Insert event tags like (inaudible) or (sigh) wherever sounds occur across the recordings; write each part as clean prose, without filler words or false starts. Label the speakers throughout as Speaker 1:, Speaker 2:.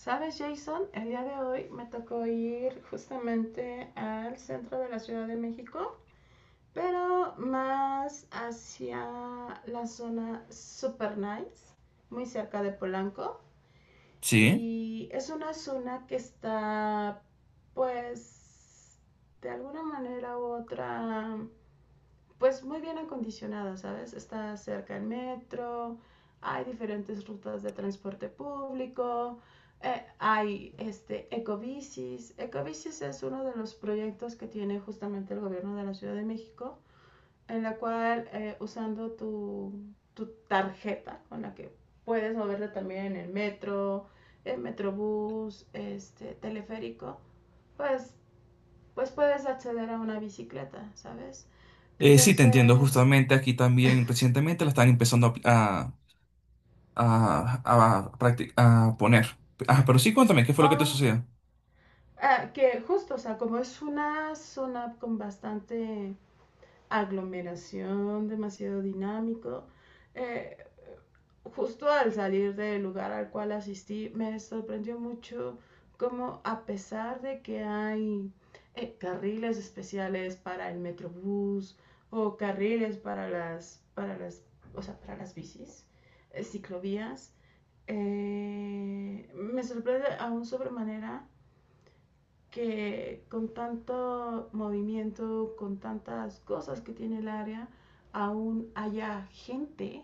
Speaker 1: Sabes, Jason, el día de hoy me tocó ir justamente al centro de la Ciudad de México, pero más hacia la zona super nice, muy cerca de Polanco.
Speaker 2: Sí.
Speaker 1: Y es una zona que está, pues, de alguna manera u otra, pues muy bien acondicionada, ¿sabes? Está cerca el metro, hay diferentes rutas de transporte público, hay este, ecobicis. Ecobicis es uno de los proyectos que tiene justamente el gobierno de la Ciudad de México, en la cual usando tarjeta con la que puedes moverte también en el metro, el metrobús, este, teleférico, pues, pues puedes acceder a una bicicleta, ¿sabes?
Speaker 2: Sí, te entiendo.
Speaker 1: Entonces,
Speaker 2: Justamente aquí también recientemente la están empezando a poner. Ah, pero sí, cuéntame, ¿qué fue lo que te
Speaker 1: Oh,
Speaker 2: sucedió?
Speaker 1: que justo, o sea, como es una zona con bastante aglomeración, demasiado dinámico, eh, justo al salir del lugar al cual asistí, me sorprendió mucho cómo, a pesar de que hay carriles especiales para el metrobús o carriles para o sea, para las bicis, ciclovías, me sorprende aún sobremanera que, con tanto movimiento, con tantas cosas que tiene el área, aún haya gente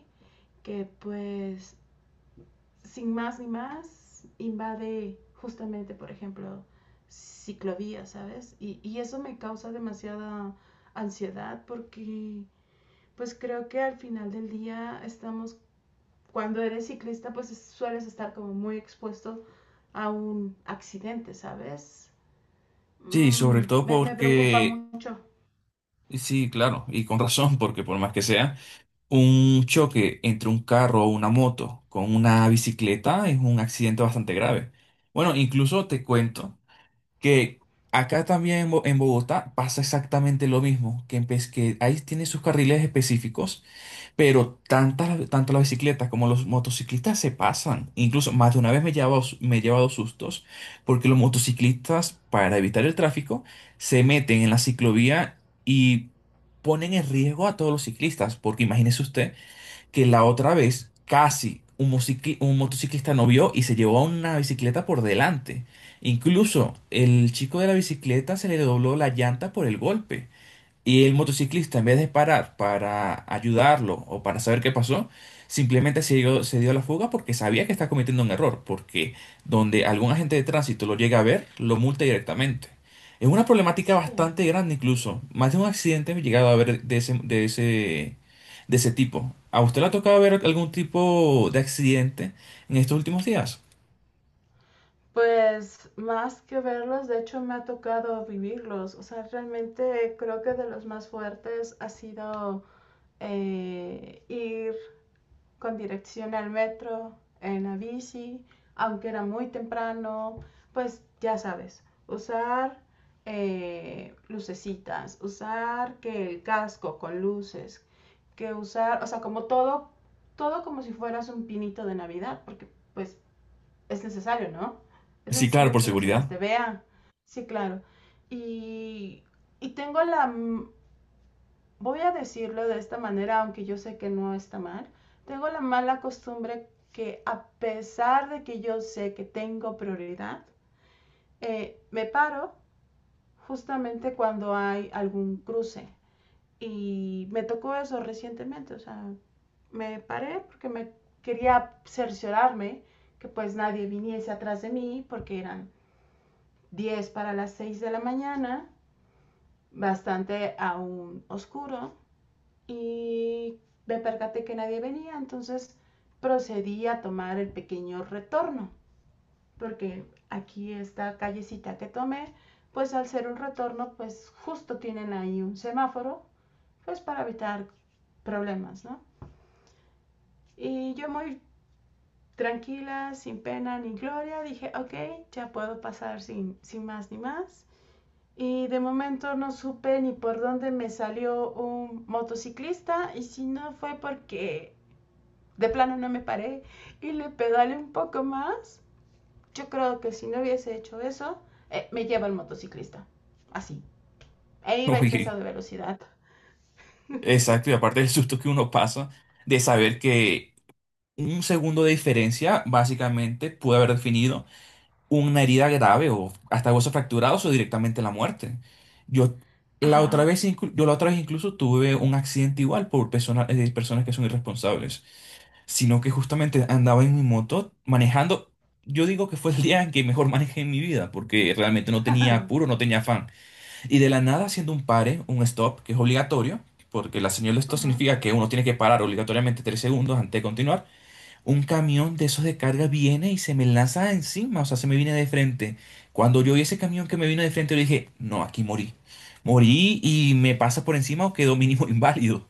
Speaker 1: que, pues, sin más ni más, invade justamente, por ejemplo, ciclovías, ¿sabes? Y eso me causa demasiada ansiedad porque, pues, creo que al final del día estamos, cuando eres ciclista, pues sueles estar como muy expuesto a un accidente, ¿sabes?
Speaker 2: Sí, sobre todo
Speaker 1: Me preocupa
Speaker 2: porque,
Speaker 1: mucho.
Speaker 2: sí, claro, y con razón, porque por más que sea, un choque entre un carro o una moto con una bicicleta es un accidente bastante grave. Bueno, incluso te cuento que acá también en en Bogotá pasa exactamente lo mismo, que, que ahí tiene sus carriles específicos. Pero tanto las bicicletas como los motociclistas se pasan. Incluso más de una vez me he llevado sustos porque los motociclistas, para evitar el tráfico, se meten en la ciclovía y ponen en riesgo a todos los ciclistas. Porque imagínese usted que la otra vez casi un, un motociclista no vio y se llevó a una bicicleta por delante. Incluso el chico de la bicicleta se le dobló la llanta por el golpe. Y el motociclista, en vez de parar para ayudarlo o para saber qué pasó, simplemente se dio a la fuga porque sabía que estaba cometiendo un error, porque donde algún agente de tránsito lo llega a ver, lo multa directamente. Es una problemática
Speaker 1: Sí.
Speaker 2: bastante grande incluso. Más de un accidente me he llegado a ver de ese tipo. ¿A usted le ha tocado ver algún tipo de accidente en estos últimos días?
Speaker 1: Pues más que verlos, de hecho me ha tocado vivirlos. O sea, realmente creo que de los más fuertes ha sido ir con dirección al metro, en la bici. Aunque era muy temprano, pues ya sabes, usar lucecitas, usar que el casco con luces, que usar, o sea, como todo, todo como si fueras un pinito de Navidad, porque, pues, es necesario, ¿no? Es
Speaker 2: Sí, claro,
Speaker 1: necesario
Speaker 2: por
Speaker 1: que los demás
Speaker 2: seguridad.
Speaker 1: te vean. Sí, claro. Y, y tengo voy a decirlo de esta manera, aunque yo sé que no está mal, tengo la mala costumbre que, a pesar de que yo sé que tengo prioridad, me paro justamente cuando hay algún cruce. Y me tocó eso recientemente, o sea, me paré porque me quería cerciorarme que, pues, nadie viniese atrás de mí, porque eran 10 para las 6 de la mañana, bastante aún oscuro. Y me percaté que nadie venía, entonces procedí a tomar el pequeño retorno, porque aquí esta callecita que tomé, pues al ser un retorno, pues justo tienen ahí un semáforo, pues para evitar problemas, ¿no? Y yo muy tranquila, sin pena ni gloria, dije, ok, ya puedo pasar sin, sin más ni más. Y de momento no supe ni por dónde me salió un motociclista, y si no fue porque de plano no me paré y le pedalé un poco más. Yo creo que si no hubiese hecho eso, me lleva el motociclista. Así. E iba a
Speaker 2: (laughs)
Speaker 1: exceso
Speaker 2: Uy,
Speaker 1: de velocidad.
Speaker 2: exacto, y aparte del susto que uno pasa de saber que un segundo de diferencia, básicamente, puede haber definido una herida grave o hasta huesos fracturados o directamente la muerte. Yo la otra
Speaker 1: Ajá.
Speaker 2: vez, inclu- yo la otra vez incluso tuve un accidente igual por personas, personas que son irresponsables, sino que justamente andaba en mi moto manejando. Yo digo que fue el día en que mejor manejé en mi vida, porque realmente no tenía apuro,
Speaker 1: (laughs)
Speaker 2: no tenía afán. Y de la nada haciendo un pare, un stop, que es obligatorio, porque la señal de stop
Speaker 1: Ajá.
Speaker 2: significa que uno tiene que parar obligatoriamente tres segundos antes de continuar. Un camión de esos de carga viene y se me lanza encima, o sea, se me viene de frente. Cuando yo vi ese camión que me vino de frente, yo dije, no, aquí morí. Morí y me pasa por encima o quedó mínimo (laughs) inválido.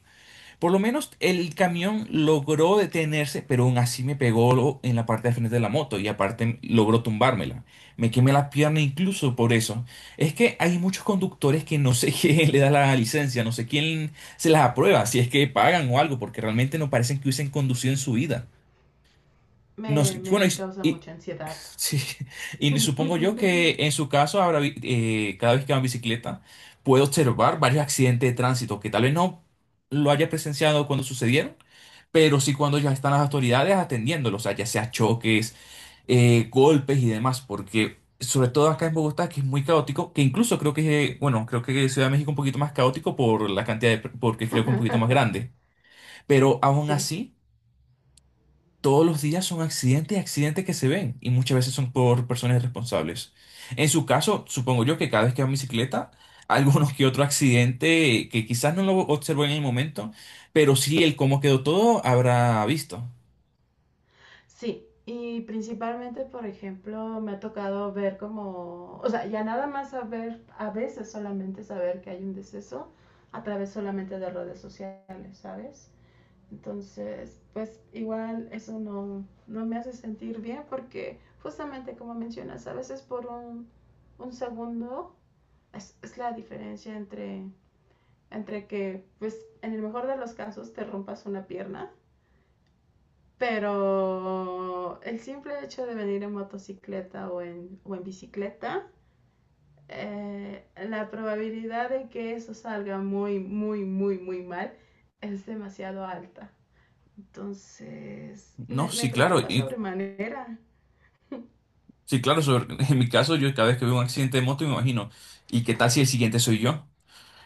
Speaker 2: Por lo menos el camión logró detenerse, pero aún así me pegó en la parte de frente de la moto y aparte logró tumbármela. Me quemé la pierna incluso por eso. Es que hay muchos conductores que no sé (laughs) quién le da la licencia, no sé quién se las aprueba, si es que pagan o algo, porque realmente no parecen que hubiesen conducido en su vida. No sé, bueno,
Speaker 1: Me causa
Speaker 2: y
Speaker 1: mucha ansiedad.
Speaker 2: sí, (laughs) y supongo yo
Speaker 1: (laughs)
Speaker 2: que en su caso, habrá, cada vez que va en bicicleta, puede observar varios accidentes de tránsito que tal vez no lo haya presenciado cuando sucedieron, pero sí cuando ya están las autoridades atendiéndolos, o sea, ya sea choques, golpes y demás, porque sobre todo acá en Bogotá, que es muy caótico, que incluso creo que, es, bueno, creo que Ciudad de México un poquito más caótico por la cantidad de, porque creo que es un poquito más grande, pero aún
Speaker 1: sí,
Speaker 2: así. Todos los días son accidentes y accidentes que se ven y muchas veces son por personas irresponsables. En su caso, supongo yo que cada vez que va en bicicleta, (laughs) algunos que otro accidente que quizás no lo observó en el momento, pero sí el cómo quedó todo habrá visto.
Speaker 1: sí Y principalmente, por ejemplo, me ha tocado ver como, o sea, ya nada más saber, a veces solamente saber que hay un deceso a través solamente de redes sociales, ¿sabes? Entonces, pues igual eso no, no me hace sentir bien porque, justamente como mencionas, a veces por un segundo es la diferencia entre, entre que, pues, en el mejor de los casos te rompas una pierna, pero el simple hecho de venir en motocicleta o en bicicleta, la probabilidad de que eso salga muy, muy, muy, muy mal es demasiado alta. Entonces,
Speaker 2: No,
Speaker 1: me
Speaker 2: sí, claro.
Speaker 1: preocupa sobremanera.
Speaker 2: Sí, claro, (laughs) en mi caso, yo cada vez que veo un accidente de moto me imagino, ¿y qué tal si el siguiente soy yo?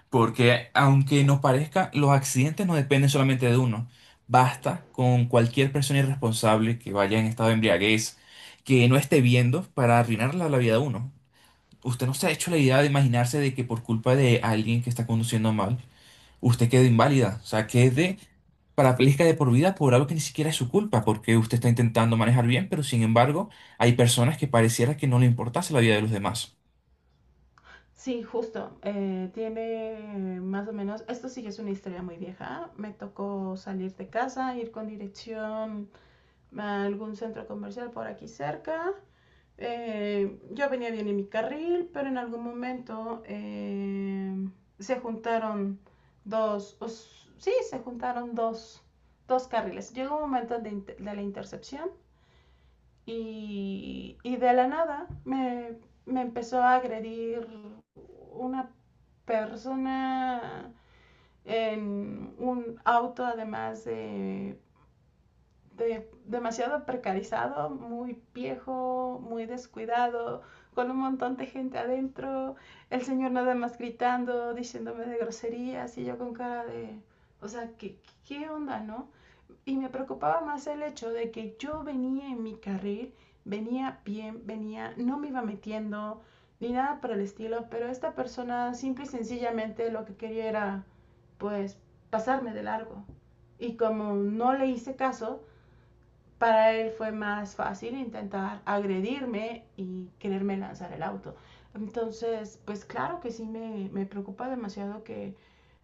Speaker 2: Porque aunque no parezca, los accidentes no dependen solamente de uno. Basta con cualquier persona irresponsable que vaya en estado de embriaguez, que no esté viendo para arruinar la vida de uno. Usted no se ha hecho la idea de imaginarse de que por culpa de alguien que está conduciendo mal, usted quede inválida. O sea, quede parapléjica de por vida por algo que ni siquiera es su culpa, porque usted está intentando manejar bien, pero sin embargo, hay personas que pareciera que no le importase la vida de los demás.
Speaker 1: Sí, justo. Tiene más o menos, esto sí es una historia muy vieja. Me tocó salir de casa, ir con dirección a algún centro comercial por aquí cerca. Yo venía bien en mi carril, pero en algún momento se juntaron dos, o sí, se juntaron dos carriles. Llegó un momento de la intercepción. Y de la nada me empezó a agredir una persona en un auto, además de demasiado precarizado, muy viejo, muy descuidado, con un montón de gente adentro, el señor nada más gritando, diciéndome de groserías, y yo con cara de, o sea, ¿qué, qué onda, no? Y me preocupaba más el hecho de que yo venía en mi carril, venía bien, venía, no me iba metiendo ni nada por el estilo, pero esta persona simple y sencillamente lo que quería era, pues, pasarme de largo. Y como no le hice caso, para él fue más fácil intentar agredirme y quererme lanzar el auto. Entonces, pues claro que sí, me preocupa demasiado que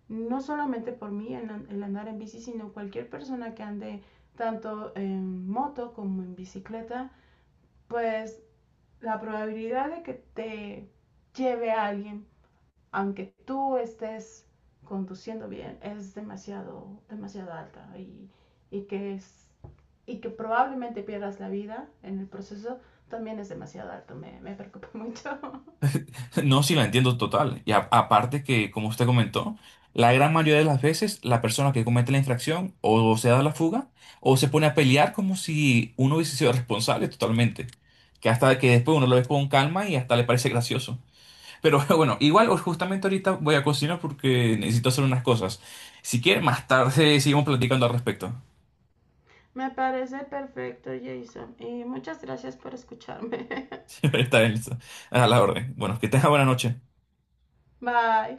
Speaker 1: no solamente por mí el andar en bici, sino cualquier persona que ande tanto en moto como en bicicleta, pues la probabilidad de que te lleve a alguien, aunque tú estés conduciendo bien, es demasiado, demasiado alta, y que es, y que probablemente pierdas la vida en el proceso también es demasiado alto. Me preocupa mucho. (laughs)
Speaker 2: No, sí, la entiendo total. Y aparte que, como usted comentó, la gran mayoría de las veces la persona que comete la infracción o se da la fuga o se pone a pelear como si uno hubiese sido (laughs) responsable totalmente. Que hasta que después uno lo ve con calma y hasta le parece gracioso. Pero (laughs) bueno, igual justamente ahorita voy a cocinar porque necesito hacer unas cosas. Si quiere, más tarde (laughs) seguimos platicando al respecto.
Speaker 1: Me parece perfecto, Jason, y muchas gracias por escucharme. (laughs)
Speaker 2: (laughs) Siempre está a la orden. Bueno, que tenga buena noche.
Speaker 1: Bye.